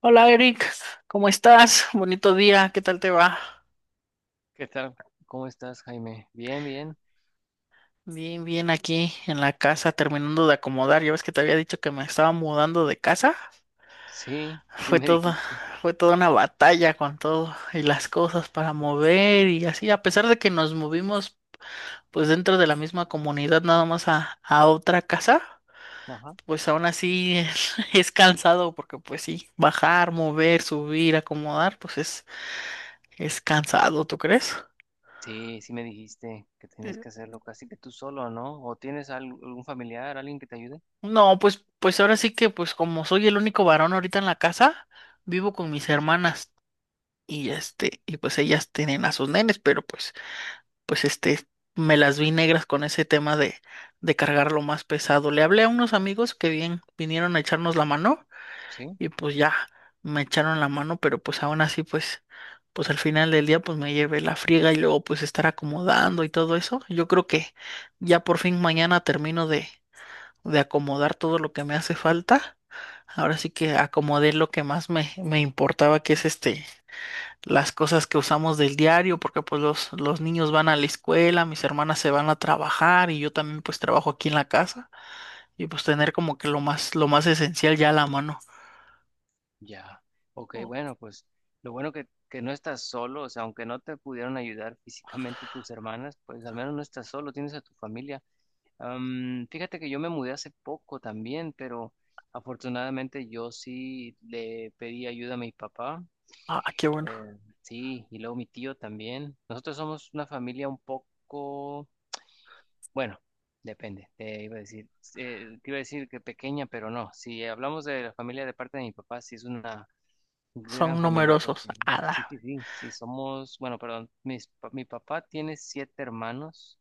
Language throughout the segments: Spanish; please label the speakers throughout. Speaker 1: Hola Eric, ¿cómo estás? Bonito día, ¿qué tal te va?
Speaker 2: ¿Qué tal? ¿Cómo estás, Jaime? Bien, bien.
Speaker 1: Bien, bien aquí en la casa terminando de acomodar. Ya ves que te había dicho que me estaba mudando de casa.
Speaker 2: Sí, sí
Speaker 1: Fue
Speaker 2: me
Speaker 1: todo,
Speaker 2: dijiste.
Speaker 1: fue toda una batalla con todo y las cosas para mover y así. A pesar de que nos movimos pues dentro de la misma comunidad nada más a otra casa,
Speaker 2: Ajá.
Speaker 1: pues aún así es cansado porque pues sí, bajar, mover, subir, acomodar, pues es cansado, ¿tú crees?
Speaker 2: Sí, sí me dijiste que tenías que hacerlo casi que tú solo, ¿no? ¿O tienes algún familiar, alguien que te ayude?
Speaker 1: No, pues ahora sí que, pues como soy el único varón ahorita en la casa, vivo con mis hermanas y este, y pues ellas tienen a sus nenes, pero pues este, me las vi negras con ese tema de cargar lo más pesado. Le hablé a unos amigos que bien vinieron a echarnos la mano
Speaker 2: Sí.
Speaker 1: y pues ya me echaron la mano, pero pues aún así, pues al final del día, pues me llevé la friega y luego pues estar acomodando y todo eso. Yo creo que ya por fin mañana termino de acomodar todo lo que me hace falta. Ahora sí que acomodé lo que más me importaba, que es este, las cosas que usamos del diario, porque pues los niños van a la escuela, mis hermanas se van a trabajar y yo también pues trabajo aquí en la casa y pues tener como que lo más esencial ya a la mano.
Speaker 2: Ya. Ok,
Speaker 1: Oh,
Speaker 2: bueno, pues lo bueno que no estás solo, o sea, aunque no te pudieron ayudar físicamente tus hermanas, pues al menos no estás solo, tienes a tu familia. Fíjate que yo me mudé hace poco también, pero afortunadamente yo sí le pedí ayuda a mi papá.
Speaker 1: ah, qué bueno.
Speaker 2: Eh, sí, y luego mi tío también. Nosotros somos una familia un poco, bueno, depende, te iba a decir que pequeña, pero no. Si hablamos de la familia de parte de mi papá, sí es una gran
Speaker 1: Son
Speaker 2: familia,
Speaker 1: numerosos.
Speaker 2: porque
Speaker 1: Ala,
Speaker 2: sí, sí, sí, sí somos, bueno, perdón, mi papá tiene siete hermanos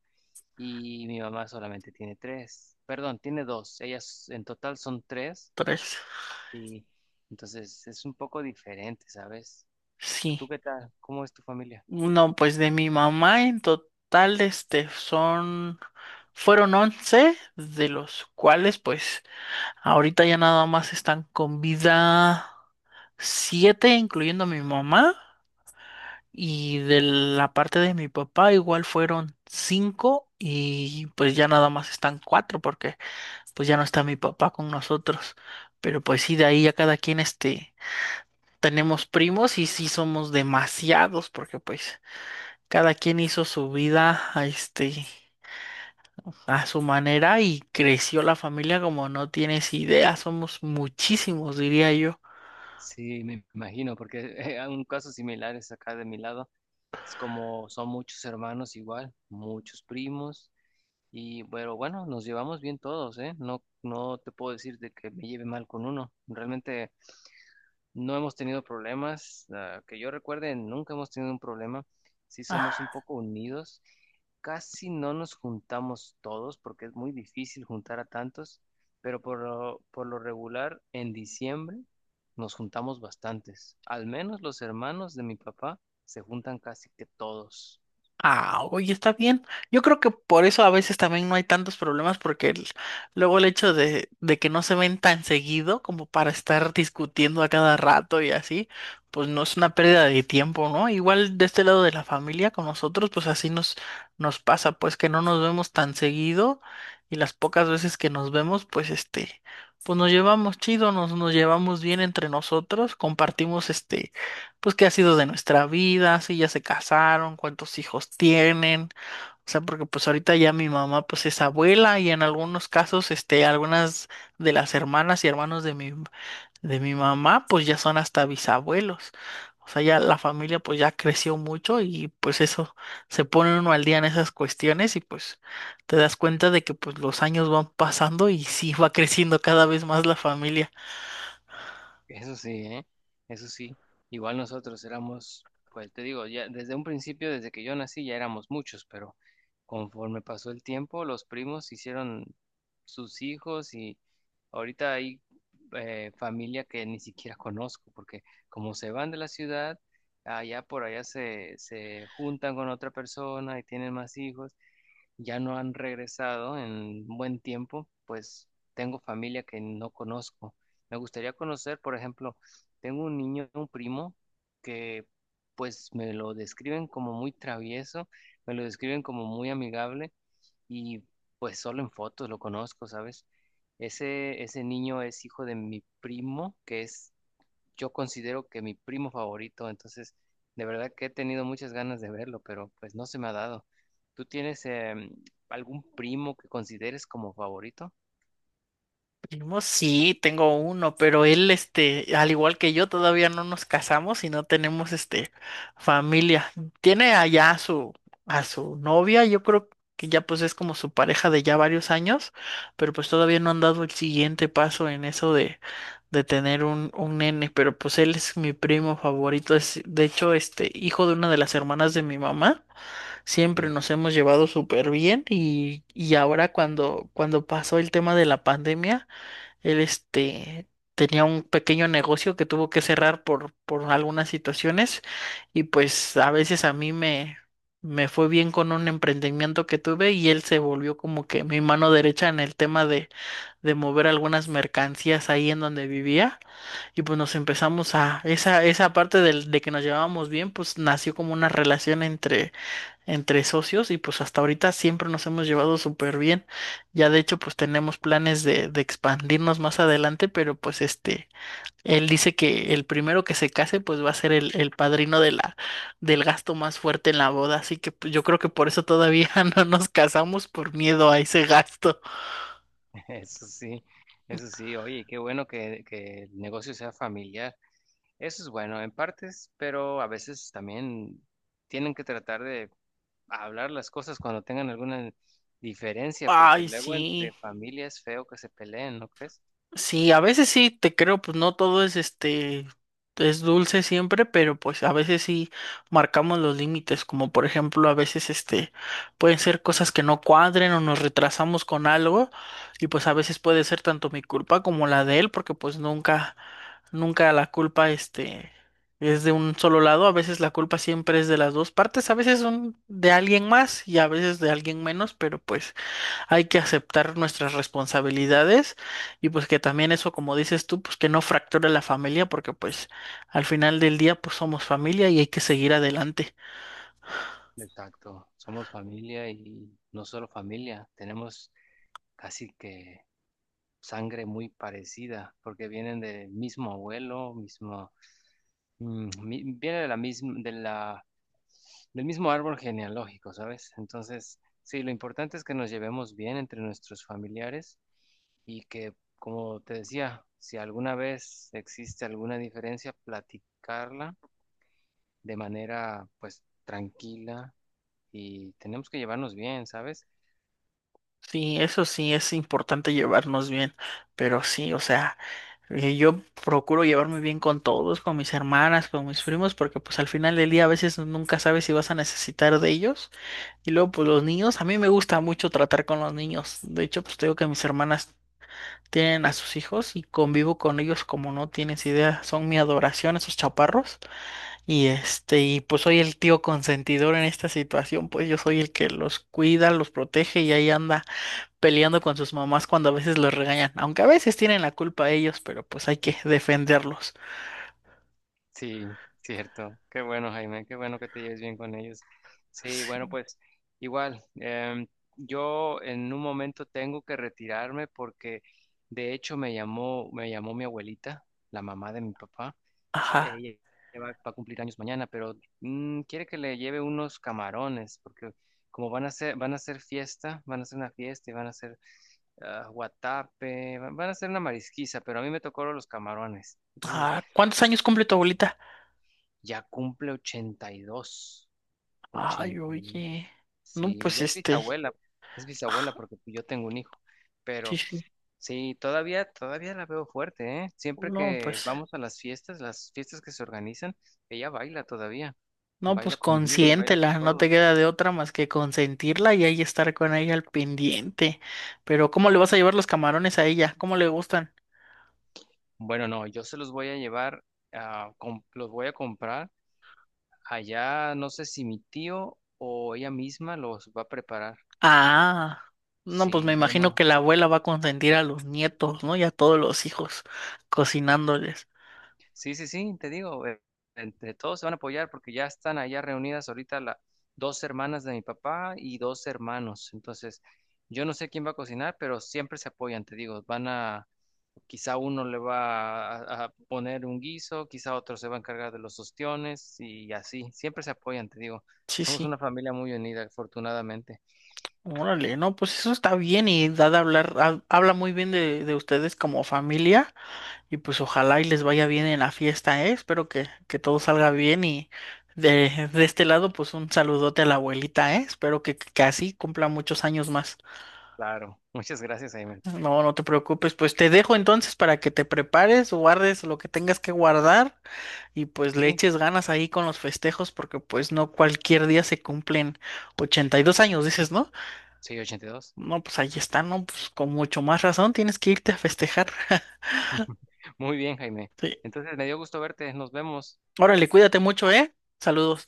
Speaker 2: y mi mamá solamente tiene tres, perdón, tiene dos, ellas en total son tres,
Speaker 1: tres.
Speaker 2: y entonces es un poco diferente, ¿sabes?
Speaker 1: Sí.
Speaker 2: ¿Tú qué tal? ¿Cómo es tu familia?
Speaker 1: No, pues de mi mamá en total, este, son, fueron 11, de los cuales pues ahorita ya nada más están con vida siete, incluyendo a mi mamá. Y de la parte de mi papá igual fueron cinco y pues ya nada más están cuatro porque pues ya no está mi papá con nosotros. Pero pues sí, de ahí ya cada quien este tenemos primos y sí somos demasiados porque pues cada quien hizo su vida a este a su manera y creció la familia como no tienes idea. Somos muchísimos, diría yo.
Speaker 2: Sí, me imagino, porque hay un caso similar es acá de mi lado. Es como son muchos hermanos igual, muchos primos, y bueno, bueno, nos llevamos bien todos, ¿eh? No, no te puedo decir de que me lleve mal con uno. Realmente no hemos tenido problemas, ah, que yo recuerde, nunca hemos tenido un problema. Sí somos un poco unidos. Casi no nos juntamos todos porque es muy difícil juntar a tantos, pero por lo regular en diciembre nos juntamos bastantes. Al menos los hermanos de mi papá se juntan casi que todos.
Speaker 1: Ah, oye, está bien. Yo creo que por eso a veces también no hay tantos problemas, porque luego el hecho de que no se ven tan seguido como para estar discutiendo a cada rato y así, pues no es una pérdida de tiempo, ¿no? Igual de este lado de la familia con nosotros, pues así nos pasa, pues que no nos vemos tan seguido y las pocas veces que nos vemos, pues este, pues nos llevamos chido, nos llevamos bien entre nosotros, compartimos este pues qué ha sido de nuestra vida, si ya se casaron, cuántos hijos tienen, o sea, porque pues ahorita ya mi mamá pues es abuela y en algunos casos, este, algunas de las hermanas y hermanos de mi mamá pues ya son hasta bisabuelos. O sea, ya la familia pues ya creció mucho y pues eso, se pone uno al día en esas cuestiones y pues te das cuenta de que pues los años van pasando y sí va creciendo cada vez más la familia.
Speaker 2: Eso sí, ¿eh? Eso sí. Igual nosotros éramos, pues te digo, ya desde un principio, desde que yo nací, ya éramos muchos, pero conforme pasó el tiempo, los primos hicieron sus hijos y ahorita hay familia que ni siquiera conozco, porque como se van de la ciudad, allá por allá se, se juntan con otra persona y tienen más hijos, ya no han regresado en buen tiempo, pues tengo familia que no conozco. Me gustaría conocer, por ejemplo, tengo un niño, un primo, que pues me lo describen como muy travieso, me lo describen como muy amigable y pues solo en fotos lo conozco, ¿sabes? Ese niño es hijo de mi primo, que es, yo considero que mi primo favorito, entonces de verdad que he tenido muchas ganas de verlo, pero pues no se me ha dado. ¿Tú tienes algún primo que consideres como favorito?
Speaker 1: Primo, sí, tengo uno, pero él, este, al igual que yo, todavía no nos casamos y no tenemos, este, familia. Tiene allá a su novia, yo creo que ya pues es como su pareja de ya varios años, pero pues todavía no han dado el siguiente paso en eso de tener un nene, pero pues él es mi primo favorito, es, de hecho, este, hijo de una de las hermanas de mi mamá. Siempre
Speaker 2: Sí,
Speaker 1: nos hemos llevado súper bien y ahora cuando pasó el tema de la pandemia, él, este, tenía un pequeño negocio que tuvo que cerrar por algunas situaciones y pues a veces a mí me fue bien con un emprendimiento que tuve y él se volvió como que mi mano derecha en el tema de mover algunas mercancías ahí en donde vivía y pues nos empezamos esa parte de que nos llevábamos bien, pues nació como una relación entre entre socios y pues hasta ahorita siempre nos hemos llevado súper bien. Ya de hecho pues tenemos planes de expandirnos más adelante, pero pues este, él dice que el primero que se case pues va a ser el padrino del gasto más fuerte en la boda, así que pues, yo creo que por eso todavía no nos casamos por miedo a ese gasto.
Speaker 2: eso sí, eso sí, oye, qué bueno que el negocio sea familiar. Eso es bueno en partes, pero a veces también tienen que tratar de hablar las cosas cuando tengan alguna diferencia, porque
Speaker 1: Ay,
Speaker 2: luego entre
Speaker 1: sí.
Speaker 2: familias es feo que se peleen, ¿no crees?
Speaker 1: Sí, a veces sí, te creo, pues no todo es este, es dulce siempre, pero pues a veces sí marcamos los límites, como por ejemplo a veces este, pueden ser cosas que no cuadren o nos retrasamos con algo y pues a veces puede ser tanto mi culpa como la de él, porque pues nunca, nunca la culpa este es de un solo lado, a veces la culpa siempre es de las dos partes, a veces son de alguien más y a veces de alguien menos, pero pues hay que aceptar nuestras responsabilidades y pues que también eso, como dices tú, pues que no fracture la familia porque pues al final del día pues somos familia y hay que seguir adelante.
Speaker 2: Exacto, somos familia y no solo familia, tenemos casi que sangre muy parecida porque vienen del mismo abuelo, viene de la misma, de la, del mismo árbol genealógico, ¿sabes? Entonces, sí, lo importante es que nos llevemos bien entre nuestros familiares y que, como te decía, si alguna vez existe alguna diferencia, platicarla de manera, pues, tranquila, y tenemos que llevarnos bien, ¿sabes?
Speaker 1: Sí, eso sí es importante llevarnos bien, pero sí, o sea, yo procuro llevarme bien con todos, con mis hermanas, con mis primos, porque pues al final del día a veces nunca sabes si vas a necesitar de ellos. Y luego pues los niños, a mí me gusta mucho tratar con los niños. De hecho, pues te digo que mis hermanas tienen a sus hijos y convivo con ellos como no tienes idea, son mi adoración esos chaparros y este y pues soy el tío consentidor en esta situación, pues yo soy el que los cuida, los protege y ahí anda peleando con sus mamás cuando a veces los regañan, aunque a veces tienen la culpa ellos, pero pues hay que defenderlos.
Speaker 2: Sí, cierto. Qué bueno, Jaime, qué bueno que te lleves bien con ellos. Sí, bueno,
Speaker 1: Sí.
Speaker 2: pues igual, yo en un momento tengo que retirarme porque de hecho me llamó mi abuelita, la mamá de mi papá.
Speaker 1: Ajá.
Speaker 2: Ella ella va a cumplir años mañana, pero quiere que le lleve unos camarones porque como van a hacer fiesta, van a hacer una fiesta y van a hacer guatape, van a hacer una marisquiza, pero a mí me tocaron los camarones. Entonces,
Speaker 1: Ah, ¿cuántos años cumple tu abuelita?
Speaker 2: ya cumple 82,
Speaker 1: Ay,
Speaker 2: 80.
Speaker 1: oye. No,
Speaker 2: Sí,
Speaker 1: pues
Speaker 2: ya es
Speaker 1: este.
Speaker 2: bisabuela. Es
Speaker 1: Ah,
Speaker 2: bisabuela porque yo tengo un hijo.
Speaker 1: sí,
Speaker 2: Pero
Speaker 1: sí.
Speaker 2: sí, todavía, todavía la veo fuerte, ¿eh? Siempre
Speaker 1: No,
Speaker 2: que
Speaker 1: pues.
Speaker 2: vamos a las fiestas que se organizan, ella baila todavía.
Speaker 1: No,
Speaker 2: Baila
Speaker 1: pues
Speaker 2: conmigo y baila con
Speaker 1: consiéntela, no te
Speaker 2: todo.
Speaker 1: queda de otra más que consentirla y ahí estar con ella al pendiente. Pero ¿cómo le vas a llevar los camarones a ella? ¿Cómo le gustan?
Speaker 2: Bueno, no, yo se los voy a llevar, los voy a comprar. Allá no sé si mi tío o ella misma los va a preparar.
Speaker 1: Ah, no, pues me
Speaker 2: Sí, yo
Speaker 1: imagino
Speaker 2: no.
Speaker 1: que la abuela va a consentir a los nietos, ¿no? Y a todos los hijos, cocinándoles.
Speaker 2: Sí, sí, sí, te digo, entre todos se van a apoyar porque ya están allá reunidas ahorita las dos hermanas de mi papá y dos hermanos. Entonces, yo no sé quién va a cocinar, pero siempre se apoyan, te digo, quizá uno le va a poner un guiso, quizá otro se va a encargar de los ostiones y así, siempre se apoyan, te digo.
Speaker 1: Sí,
Speaker 2: Somos
Speaker 1: sí.
Speaker 2: una familia muy unida, afortunadamente.
Speaker 1: Órale, no, pues eso está bien y da de hablar, habla muy bien de ustedes como familia. Y pues ojalá y les vaya bien en la fiesta, ¿eh? Espero que todo salga bien y de este lado pues un saludote a la abuelita, ¿eh? Espero que así cumpla muchos años más.
Speaker 2: Claro, muchas gracias, Jaime.
Speaker 1: No, no te preocupes, pues te dejo entonces para que te prepares, guardes lo que tengas que guardar y pues le
Speaker 2: Sí,
Speaker 1: eches ganas ahí con los festejos porque pues no cualquier día se cumplen 82 años, dices, ¿no?
Speaker 2: soy 82.
Speaker 1: No, pues ahí está, ¿no? Pues con mucho más razón tienes que irte a festejar.
Speaker 2: Muy bien, Jaime.
Speaker 1: Sí.
Speaker 2: Entonces, me dio gusto verte, nos vemos.
Speaker 1: Órale, cuídate mucho, ¿eh? Saludos.